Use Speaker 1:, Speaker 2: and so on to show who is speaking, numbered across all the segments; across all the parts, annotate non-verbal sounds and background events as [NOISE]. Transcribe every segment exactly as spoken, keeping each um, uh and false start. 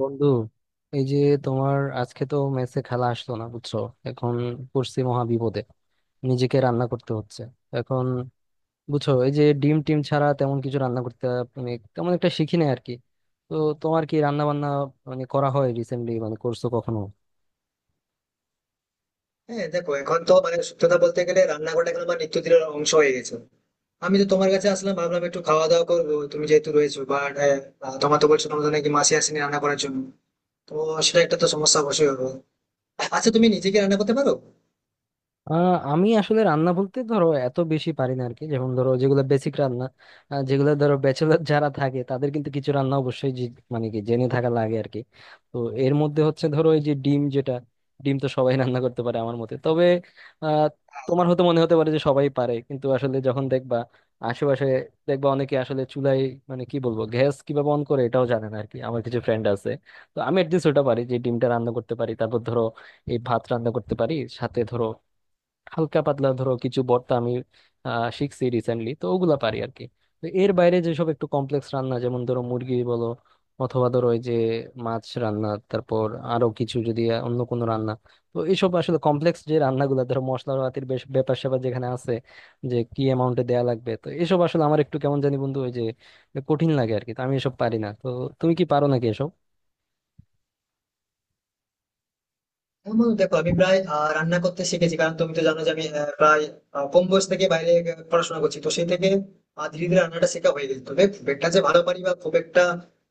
Speaker 1: বন্ধু, এই যে তোমার আজকে তো মেসে খেলা আসলো না, বুঝছো। এখন পড়ছি মহা বিপদে, নিজেকে রান্না করতে হচ্ছে এখন। বুঝছো, এই যে ডিম টিম ছাড়া তেমন কিছু রান্না করতে মানে তেমন একটা শিখিনি আর কি। তো তোমার কি রান্না বান্না মানে করা হয় রিসেন্টলি, মানে করছো কখনো?
Speaker 2: হ্যাঁ, দেখো এখন তো মানে সত্যি কথা বলতে গেলে রান্নাঘরটা এখন আমার নিত্যদিনের অংশ হয়ে গেছে। আমি তো তোমার কাছে আসলাম, ভাবলাম একটু খাওয়া দাওয়া করবো তুমি যেহেতু রয়েছো, বাট তোমার তো বলছো তোমাদের নাকি মাসি আসেনি রান্না করার জন্য। তো সেটা একটা তো সমস্যা অবশ্যই হবে। আচ্ছা, তুমি নিজে কি রান্না করতে পারো?
Speaker 1: আহ আমি আসলে রান্না বলতে ধরো এত বেশি পারি না আরকি। যেমন ধরো যেগুলো বেসিক রান্না, আহ, যেগুলো ধরো ব্যাচেলার যারা থাকে তাদের কিন্তু কিছু রান্না অবশ্যই জি- মানে কি জেনে থাকা লাগে আর কি। তো এর মধ্যে হচ্ছে ধরো এই যে ডিম, যেটা ডিম তো সবাই [LAUGHS] রান্না করতে পারে আমার মতে। তবে আহ তোমার হয়তো মনে হতে পারে যে সবাই পারে, কিন্তু আসলে যখন দেখবা আশেপাশে, দেখবা অনেকে আসলে চুলায় মানে কি বলবো গ্যাস কিভাবে অন করে এটাও জানে না আর কি। আমার কিছু ফ্রেন্ড আছে। তো আমি একদিন ওটা পারি, যে ডিমটা রান্না করতে পারি, তারপর ধরো এই ভাত রান্না করতে পারি, সাথে ধরো হালকা পাতলা ধরো কিছু ভর্তা আমি আহ, শিখছি রিসেন্টলি, তো ওগুলা পারি আর কি। তো এর বাইরে যেসব একটু কমপ্লেক্স রান্না, যেমন ধরো মুরগি বলো অথবা ধরো ওই যে মাছ রান্না, তারপর আরো কিছু যদি অন্য কোনো রান্না, তো এইসব আসলে কমপ্লেক্স যে রান্নাগুলো ধরো মশলাপাতির বেশ ব্যাপার স্যাপার যেখানে আছে যে কি অ্যামাউন্টে দেয়া লাগবে, তো এসব আসলে আমার একটু কেমন জানি বন্ধু, ওই যে কঠিন লাগে আর কি। তো আমি এসব পারি না। তো তুমি কি পারো নাকি এসব?
Speaker 2: হ্যাঁ বন্ধু, দেখো আমি প্রায় আহ, রান্না করতে শিখেছি, কারণ তুমি তো জানো যে আমি আহ, প্রায় আহ, কম বয়স থেকে বাইরে আহ, পড়াশোনা করছি, তো সেই থেকে আহ, ধীরে ধীরে রান্নাটা শেখা হয়ে গেছে। তবে খুব একটা যে ভালো পারি বা খুব একটা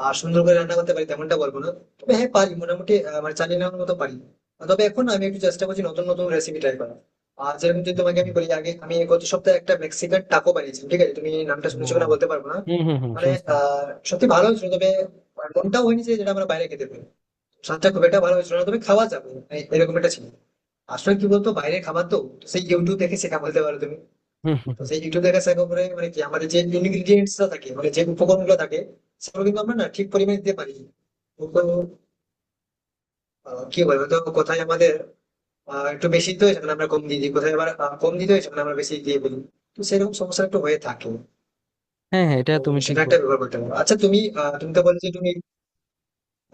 Speaker 2: আহ, সুন্দর করে রান্না করতে পারি তেমনটা বলবো না। তবে হ্যাঁ, পারি মোটামুটি, আহ, মানে চালিয়ে নেওয়ার মতো পারি। আহ, তবে এখন আমি একটু চেষ্টা করছি নতুন নতুন রেসিপি ট্রাই করার। আর যেরকম যদি তোমাকে আমি বলি, আগে আমি গত সপ্তাহে একটা মেক্সিকান টাকো বানিয়েছি, ঠিক আছে? তুমি নামটা
Speaker 1: ও,
Speaker 2: শুনেছো কিনা বলতে পারবো না।
Speaker 1: হুম হুম হুম,
Speaker 2: মানে
Speaker 1: শুনছি।
Speaker 2: আহ সত্যি ভালো হয়েছিল, তবে মনটাও হয়নি যে যেটা আমরা বাইরে খেতে পারি, স্বাদটা খুব একটা ভালো হয়েছিল না, তবে খাওয়া যাবে মানে এরকম একটা ছিল। আসলে কি বলতো, বাইরে খাবার তো তো সেই ইউটিউব দেখে শেখা বলতে পারো তুমি।
Speaker 1: হুম, হুম,
Speaker 2: তো
Speaker 1: হুম।
Speaker 2: সেই ইউটিউব দেখে শেখা করে মানে কি, আমাদের যে ইনগ্রিডিয়েন্টস থাকে, মানে যে উপকরণ গুলো থাকে, সেগুলো কিন্তু আমরা না ঠিক পরিমাণে দিতে পারি না। কিন্তু আহ, কি বলবো, তো কোথায় আমাদের আহ, একটু বেশি দিতে হয় সেখানে আমরা কম দিয়ে দিই, কোথায় আবার আহ, কম দিতে হয় সেখানে আমরা বেশি দিয়ে বলি। তো সেরকম সমস্যা একটু হয়ে থাকে।
Speaker 1: হ্যাঁ হ্যাঁ, এটা
Speaker 2: তো
Speaker 1: তুমি ঠিক।
Speaker 2: সেটা একটা ব্যবহার করতে পারো। আচ্ছা তুমি আহ, তুমি তো বলছো তুমি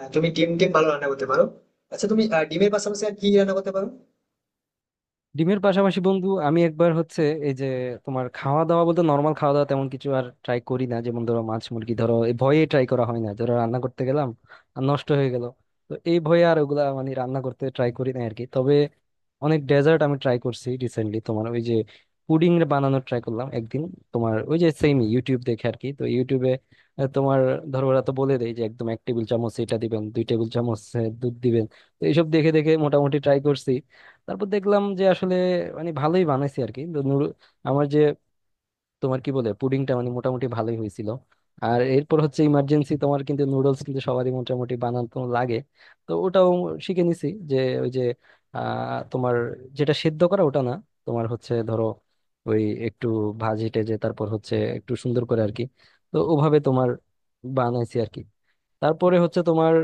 Speaker 2: আহ, তুমি ডিম টিম ভালো রান্না করতে পারো। আচ্ছা, তুমি আহ, ডিমের পাশাপাশি আর কি রান্না করতে পারো?
Speaker 1: ডিমের পাশাপাশি বন্ধু আমি একবার হচ্ছে এই যে তোমার খাওয়া দাওয়া বলতে নর্মাল খাওয়া দাওয়া তেমন কিছু আর ট্রাই করি না। যেমন ধরো মাছ মুরগি ধরো এই ভয়ে ট্রাই করা হয় না, ধরো রান্না করতে গেলাম আর নষ্ট হয়ে গেল। তো এই ভয়ে আর ওগুলা মানে রান্না করতে ট্রাই করি না আর কি। তবে অনেক ডেজার্ট আমি ট্রাই করছি রিসেন্টলি, তোমার ওই যে পুডিং বানানো ট্রাই করলাম একদিন, তোমার ওই যে সেম ইউটিউব দেখে আর কি। তো ইউটিউবে আহ, তোমার ধরো ওরা তো বলে দেয় যে একদম এক টেবিল চামচ এটা দিবেন, দুই টেবিল চামচ আহ, দুধ দিবেন। তো এইসব দেখে দেখে মোটামুটি ট্রাই করছি। তারপর দেখলাম যে আসলে মানে ভালোই বানাইছি আর কি। তো নুডল- আমার যে তোমার কি বলে পুডিংটা মানে মোটামুটি ভালোই হয়েছিল। আর এরপর হচ্ছে ইমার্জেন্সি, তোমার কিন্তু নুডলস কিন্তু সবারই মোটামুটি বানানো লাগে। তো ওটাও শিখে নিছি যে ওই যে আহ তোমার যেটা সেদ্ধ করা ওটা না, তোমার হচ্ছে ধরো ওই একটু ভাজি টেজে, তারপর হচ্ছে একটু সুন্দর করে আর কি। তো ওভাবে তোমার বানাইছি আর কি। তারপরে হচ্ছে তোমার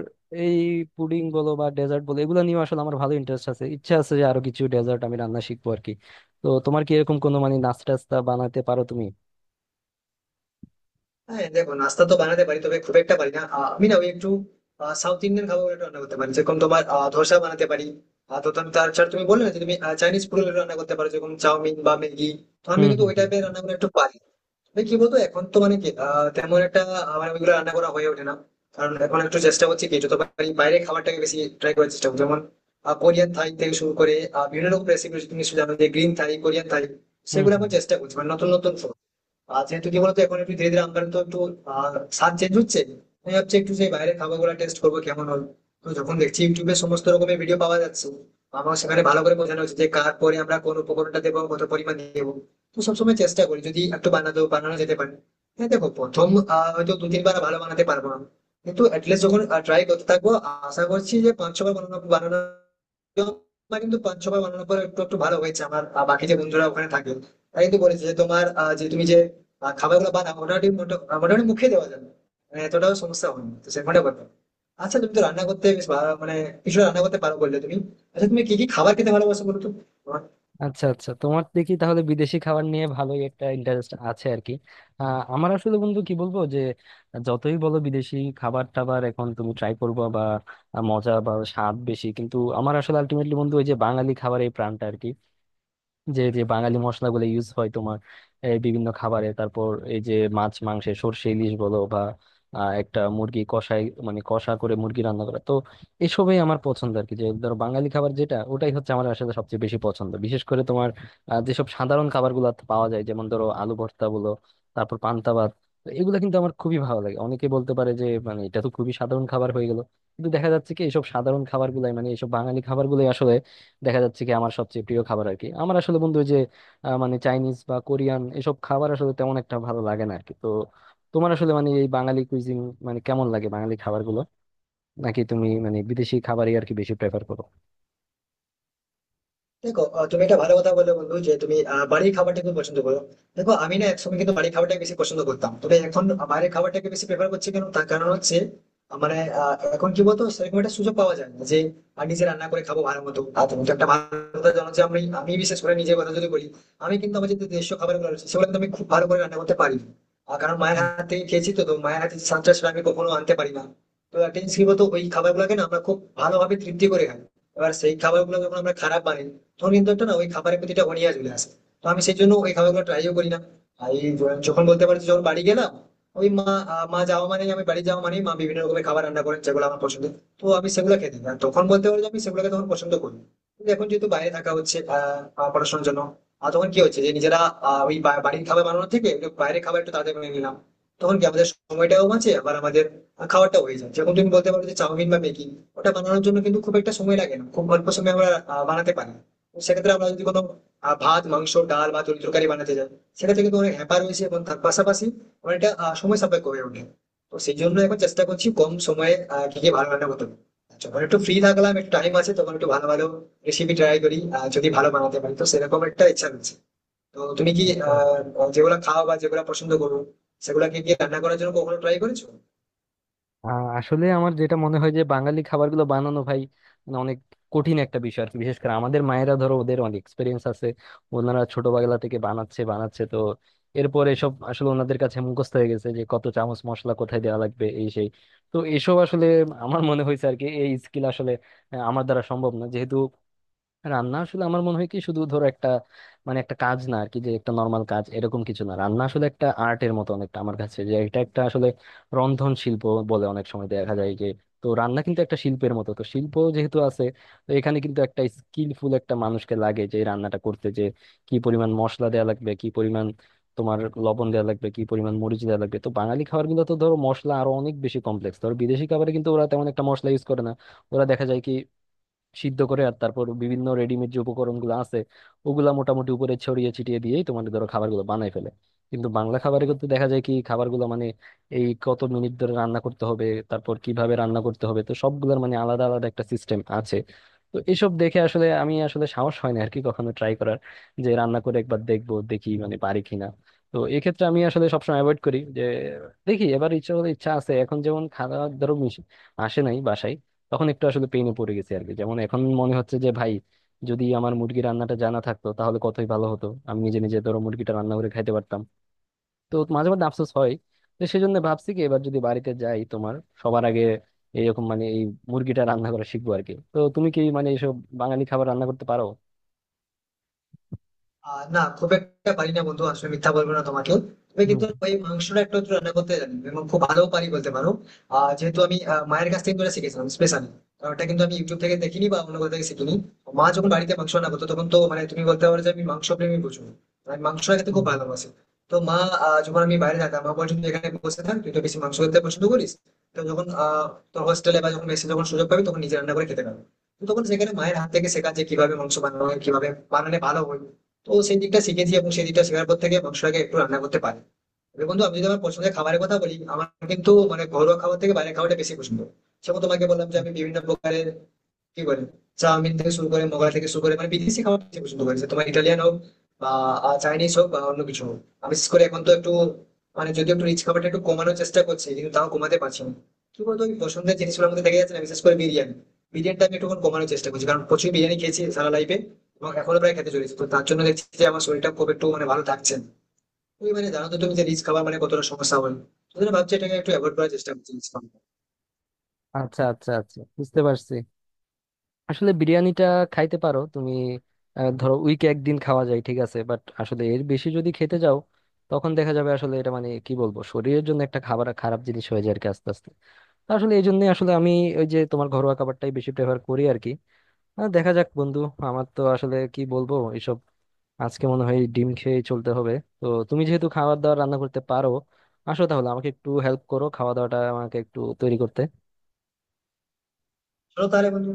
Speaker 1: এই পুডিং বলো বা ডেজার্ট বলো এগুলো নিয়ে আসলে আমার ভালো ইন্টারেস্ট আছে, ইচ্ছা আছে যে আরো কিছু ডেজার্ট আমি রান্না শিখবো আর কি। তো তোমার কি এরকম কোনো মানে নাস্তা টাস্তা বানাতে পারো তুমি?
Speaker 2: হ্যাঁ দেখো, নাস্তা তো বানাতে পারি তবে খুব একটা পারি না। আহ, আমি না ওই একটু সাউথ ইন্ডিয়ান খাবার একটু রান্না করতে পারি, যেরকম তোমার আহ, ধোসা বানাতে পারি। আহ, তো তুমি তাছাড়া তুমি বললে না যে তুমি চাইনিজ ফুড রান্না করতে পারো, যেরকম চাউমিন বা ম্যাগি। তো আমি
Speaker 1: হুম
Speaker 2: কিন্তু
Speaker 1: হুম
Speaker 2: ওই
Speaker 1: হুম।
Speaker 2: টাইপের রান্না করে একটু পারি। তবে কি বলতো, এখন তো মানে কি আহ, তেমন একটা আহ, মানে ওইগুলো রান্না করা হয়ে ওঠে না। কারণ এখন একটু চেষ্টা করছি কি, যত পারি বাইরে খাবারটাকে বেশি ট্রাই করার চেষ্টা করছি, যেমন কোরিয়ান থাই থেকে শুরু করে আহ, বিভিন্ন রকম রেসিপি। তুমি নিশ্চয়ই জানো যে গ্রিন থাই, কোরিয়ান থাই,
Speaker 1: হুম
Speaker 2: সেগুলো
Speaker 1: হুম
Speaker 2: আমি
Speaker 1: হুম।
Speaker 2: চেষ্টা করছি মানে নতুন নতুন। আর যেহেতু কি বলতো, এখন একটু ধীরে ধীরে আমার তো একটু আহ, স্বাদ চেঞ্জ হচ্ছে। আমি ভাবছি একটু সেই বাইরের খাবার গুলা টেস্ট করবো কেমন হবে। তো যখন দেখছি ইউটিউবে সমস্ত রকমের ভিডিও পাওয়া যাচ্ছে, আমার সেখানে ভালো করে বোঝানো হচ্ছে যে কার পরে আমরা কোন উপকরণটা দেবো, কত পরিমাণ দেবো। তো সবসময় চেষ্টা করি যদি একটু বানাতে বানানো যেতে পারে। হ্যাঁ দেখো, প্রথম আহ, হয়তো দু তিনবার ভালো বানাতে পারবো না, কিন্তু অ্যাটলিস্ট যখন ট্রাই করতে থাকবো, আশা করছি যে পাঁচ ছবার বানানো বানানো তোমার কিন্তু পাঁচ ছবার বানানোর পর একটু একটু ভালো হয়েছে। আমার আহ, বাকি যে বন্ধুরা ওখানে থাকে, তারা কিন্তু বলেছে যে তোমার আহ, যে তুমি যে আহ, খাবারগুলো বানাও মোটামুটি মোটা- আহ, মোটামুটি মুখে দেওয়া যাবে, মানে এতটাও সমস্যা হয়নি, তো সেরকমটা ব্যাপার। আচ্ছা, তুমি তো রান্না করতে বেশ ভালো- মানে কিছু রান্না করতে পারো বললে তুমি। আচ্ছা তুমি কি কি খাবার খেতে ভালোবাসো বলো তো?
Speaker 1: আচ্ছা আচ্ছা, তোমার দেখি তাহলে বিদেশি খাবার নিয়ে ভালোই একটা ইন্টারেস্ট আছে আর কি। আহ, আমার আসলে বন্ধু কি বলবো যে যতই বলো বিদেশি খাবার টাবার এখন তুমি ট্রাই করবো বা মজা বা স্বাদ বেশি, কিন্তু আমার আসলে আলটিমেটলি বন্ধু ওই যে বাঙালি খাবারের এই প্রাণটা আর কি। যে যে বাঙালি মশলাগুলো ইউজ হয় তোমার এই বিভিন্ন খাবারে, তারপর এই যে মাছ মাংসে সর্ষে ইলিশ বলো বা আহ, একটা মুরগি কষাই মানে কষা করে মুরগি রান্না করা, তো এসবই আমার পছন্দ আর কি। যে ধরো বাঙালি খাবার যেটা ওটাই হচ্ছে আমার আসলে সবচেয়ে বেশি পছন্দ, বিশেষ করে তোমার আহ, যেসব সাধারণ খাবারগুলো পাওয়া যায়, যেমন ধরো আলু ভর্তা বলো, তারপর পান্তা ভাত, তো এগুলো কিন্তু আমার খুবই ভালো লাগে। অনেকে বলতে পারে যে মানে এটা তো খুবই সাধারণ খাবার হয়ে গেল, কিন্তু দেখা যাচ্ছে কি এইসব সাধারণ খাবারগুলাই মানে এইসব বাঙালি খাবারগুলাই আসলে দেখা যাচ্ছে কি আমার সবচেয়ে প্রিয় খাবার আর কি। আমার আসলে বন্ধু ওই যে আহ, মানে চাইনিজ বা কোরিয়ান এসব খাবার আসলে তেমন একটা ভালো লাগে না আর কি। তো তোমার আসলে মানে এই বাঙালি কুইজিন মানে কেমন লাগে, বাঙালি খাবারগুলো? নাকি তুমি মানে বিদেশি খাবারই আর কি বেশি প্রেফার করো?
Speaker 2: দেখো আহ, তুমি একটা ভালো কথা বলে বন্ধু, যে তুমি আহ, বাড়ির খাবারটা খুব পছন্দ করো। দেখো, আমি না একসময় কিন্তু বাড়ির খাবারটাকে বেশি পছন্দ করতাম, তবে এখন বাইরের খাবারটাকে বেশি প্রেফার করছি। কেন তার কারণ হচ্ছে আহ, মানে আহ, এখন কি বলতো সেরকম একটা সুযোগ পাওয়া যায় না যে আহ, নিজে রান্না করে খাবো ভালো মতো। আর তুমি তো একটা ভালো কথা জানো যে আমি আমি বিশেষ করে নিজের কথা যদি বলি, আমি কিন্তু আমার যে দেশীয় খাবার গুলো রয়েছে সেগুলো কিন্তু আমি খুব ভালো করে রান্না করতে পারি। আর কারণ মায়ের
Speaker 1: হুম,
Speaker 2: হাতে খেয়েছি, তো তো মায়ের হাতে স্বাদটা সেটা আমি কখনো আনতে পারি না। তো একটা জিনিস কি বলতো, ওই খাবার গুলাকে না আমরা খুব ভালোভাবে তৃপ্তি করে খাই, এবার সেই খাবার গুলো যখন আমরা খারাপ বানাই, ধরুন কিন্তু একটা না ওই খাবারের প্রতি একটা অনীহা চলে আসে। তো আমি সেই জন্য ওই খাবারগুলো ট্রাইও করি না। আর এই য- যখন বলতে পারি, যখন বাড়ি গেলাম ওই মা, আহ, মা যাওয়া মানেই আমি বাড়ি যাওয়া মানেই মা বিভিন্ন রকমের খাবার রান্না করেন যেগুলো আমার পছন্দ। তো আমি সেগুলো খেতে দিই, আর তখন বলতে পারি যে আমি সেগুলোকে তখন পছন্দ করি। কিন্তু এখন যেহেতু বাইরে থাকা হচ্ছে আহ, আহ, পড়াশোনার জন্য, আর তখন কি হচ্ছে যে নিজেরা আহ, ওই বা- বাড়ির খাবার বানানোর থেকে একটু বাইরের খাবার একটু তাড়াতাড়ি বানিয়ে নিলাম, তখন কি আমাদের সময়টাও বাঁচে আবার আমাদের খাওয়াটা হয়ে যায়। যেমন তুমি বলতে পারো যে চাউমিন বা ম্যাগি, ওটা বানানোর জন্য কিন্তু খুব একটা সময় লাগে না, খুব অল্প সময় আমরা আহ, বানাতে পারি। সেক্ষেত্রে আমরা যদি কোনো আহ, ভাত মাংস ডাল বা তরি তরকারি বানাতে যাই, সেক্ষেত্রে কিন্তু অনেক হ্যাপা রয়েছে, এবং তার পাশাপাশি অনেকটা আহ, সময় সাপেক্ষ হয়ে ওঠে। তো সেই জন্য এখন চেষ্টা করছি কম সময়ে আহ, কি কি ভালো রান্না করতে পারি। যখন একটু ফ্রি থাকলাম, একটু টাইম আছে, তখন একটু ভালো ভালো রেসিপি ট্রাই করি, আহ, যদি ভালো বানাতে পারি তো সেরকম একটা ইচ্ছা রয়েছে। তো তুমি কি
Speaker 1: আচ্ছা আচ্ছা।
Speaker 2: আহ যেগুলো খাও বা যেগুলো পছন্দ করো, সেগুলা কি কি রান্না করার জন্য কখনো ট্রাই করেছো?
Speaker 1: আহ, আসলে আমার যেটা মনে হয় যে বাঙালি খাবারগুলো বানানো ভাই মানে অনেক কঠিন একটা বিষয় আর কি। বিশেষ করে আমাদের মায়েরা ধরো ওদের অনেক এক্সপিরিয়েন্স আছে, ওনারা ছোটবেলা থেকে বানাচ্ছে বানাচ্ছে, তো এরপর এসব আসলে ওনাদের কাছে মুখস্থ হয়ে গেছে যে কত চামচ মশলা কোথায় দেওয়া লাগবে, এই সেই। তো এসব আসলে আমার মনে হয়েছে আর কি এই স্কিল আসলে আহ, আমার দ্বারা সম্ভব না, যেহেতু রান্না আসলে আমার মনে হয় কি শুধু ধরো একটা মানে একটা কাজ না আর কি, যে একটা নর্মাল কাজ এরকম কিছু না। রান্না আসলে একটা আর্টের মতো অনেকটা আমার কাছে, যে এটা একটা আসলে রন্ধন শিল্প বলে অনেক সময় দেখা যায় যে। তো রান্না কিন্তু একটা শিল্পের মতো, তো শিল্প যেহেতু আছে তো এখানে কিন্তু একটা স্কিলফুল একটা মানুষকে লাগে যে এই রান্নাটা করতে, যে কি পরিমাণ মশলা দেওয়া লাগবে, কি পরিমাণ তোমার লবণ দেওয়া লাগবে, কি পরিমাণ মরিচ দেওয়া লাগবে। তো বাঙালি খাবার গুলো তো ধরো মশলা আরো অনেক বেশি কমপ্লেক্স, ধরো বিদেশি খাবারে কিন্তু ওরা তেমন একটা মশলা ইউজ করে না। ওরা দেখা যায় কি সিদ্ধ করে আর তারপর বিভিন্ন রেডিমেড যে উপকরণগুলো আছে ওগুলা মোটামুটি উপরে ছড়িয়ে ছিটিয়ে দিয়েই তোমার ধরো খাবারগুলো বানায় ফেলে। কিন্তু বাংলা খাবারের ক্ষেত্রে দেখা যায় কি খাবারগুলো মানে এই কত মিনিট ধরে রান্না করতে হবে, তারপর কিভাবে রান্না করতে হবে, তো সবগুলোর মানে আলাদা আলাদা একটা সিস্টেম আছে। তো এসব দেখে আসলে আমি আসলে সাহস হয় না আর কি কখনো ট্রাই করার, যে রান্না করে একবার দেখবো দেখি মানে পারি কিনা। তো এক্ষেত্রে আমি আসলে সবসময় অ্যাভয়েড করি যে দেখি, এবার ইচ্ছা হলে ইচ্ছা আছে। এখন যেমন খাওয়া ধরো মিশ- আসে নাই বাসায়, তখন একটু আসলে পেইনে পড়ে গেছি আর কি। যেমন এখন মনে হচ্ছে যে ভাই যদি আমার মুরগি রান্নাটা জানা থাকতো তাহলে কতই ভালো হতো, আমি নিজে নিজে ধরো মুরগিটা রান্না করে খাইতে পারতাম। তো মাঝে মধ্যে আফসোস হয়। তো সেই জন্য ভাবছি কি এবার যদি বাড়িতে যাই তোমার সবার আগে এরকম মানে এই মুরগিটা রান্না করা শিখবো আর কি। তো তুমি কি মানে এইসব বাঙালি খাবার রান্না করতে পারো?
Speaker 2: আহ না, খুব একটা পারি না বন্ধু, আসলে মিথ্যা বলবো না তোমাকে। তবে
Speaker 1: হুম,
Speaker 2: কিন্তু ওই মাংসটা একটু একটু রান্না করতে জানি, এবং খুব ভালো পারি বলতে পারো। আহ যেহেতু আমি আহ, মায়ের কাছ থেকে করে শিখেছিলাম স্পেশালি, কারণ ওটা কিন্তু আমি ইউটিউব থেকে দেখিনি বা অন্য কোথাও থেকে শিখিনি। মা যখন বাড়িতে মাংস রান্না করতো, তখন তো মানে তুমি বলতে পারো যে আমি মাংস প্রেমী প্রচুর, মানে আমি মাংস খেতে
Speaker 1: হুম,
Speaker 2: খুব
Speaker 1: হুম।
Speaker 2: ভালোবাসি। তো মা আহ, যখন আমি বাইরে যেতাম, মা বলছিল "তুই এখানে বসে থাক, তুই তো বেশি মাংস খেতে পছন্দ করিস, তো যখন আহ তোর হোস্টেলে বা যখন মেসে যখন সুযোগ পাবি তখন নিজে রান্না করে খেতে পারবি। তো তখন সেখানে মায়ের হাত থেকে শেখা, যে কিভাবে মাংস বানানো হয়, কিভাবে বানালে ভালো হয়। তো সেই দিকটা শিখেছি, এবং সেই দিকটা শেখার পর থেকে মাংসটাকে একটু রান্না করতে পারি। তবে বন্ধু, আমি যদি আমার পছন্দের খাবারের কথা বলি, আমার কিন্তু মানে ঘরোয়া খাবার থেকে বাইরের খাবারটা বেশি পছন্দ। সেরকম তোমাকে বললাম যে আমি বিভিন্ন প্রকারের কি বলে, চাউমিন থেকে শুরু করে মোগলাই থেকে শুরু করে, মানে বিদেশি খাবার বেশি পছন্দ করি, সে তোমার ইটালিয়ান হোক বা চাইনিজ হোক বা অন্য কিছু হোক। আমি বিশেষ করে এখন তো একটু মানে যদি একটু রিচ খাবারটা একটু কমানোর চেষ্টা করছি, কিন্তু তাও কমাতে পারছি না। কি বলতো, ওই পছন্দের জিনিসগুলোর মধ্যে দেখা যাচ্ছে না, বিশেষ করে বিরিয়ানি। বিরিয়ানিটা আমি একটু কমানোর চেষ্টা করছি, কারণ প্রচুর বিরিয়ানি খেয়েছি সারা লাইফে, এবং এখনো প্রায় খেতে চলেছি। তো তার জন্য দেখছি যে আমার শরীরটা খুব একটু মানে ভালো থাকছে না। তুমি মানে জানো তো তুমি, যে রিচ খাবার মানে কতটা সমস্যা হয়। ওই জন্য ভাবছি এটাকে একটু অ্যাভয়েড করার চেষ্টা করছি রিচ খাবার।
Speaker 1: আচ্ছা আচ্ছা আচ্ছা, বুঝতে পারছি। আসলে বিরিয়ানিটা খাইতে পারো তুমি আহ, ধরো উইকে একদিন খাওয়া যায়, ঠিক আছে, বাট আসলে এর বেশি যদি খেতে যাও তখন দেখা যাবে আসলে এটা মানে কি বলবো শরীরের জন্য একটা খাবার খারাপ জিনিস হয়ে যায় আর কি আস্তে আস্তে। তো আসলে এই জন্যই আসলে আমি ওই যে তোমার ঘরোয়া খাবারটাই বেশি প্রেফার করি আর কি। আহ, দেখা যাক বন্ধু, আমার তো আসলে কি বলবো এসব আজকে মনে হয় ডিম খেয়ে চলতে হবে। তো তুমি যেহেতু খাবার দাবার রান্না করতে পারো, আসো তাহলে আমাকে একটু হেল্প করো, খাওয়া দাওয়াটা আমাকে একটু তৈরি করতে।
Speaker 2: চলো তাহলে বন্ধু।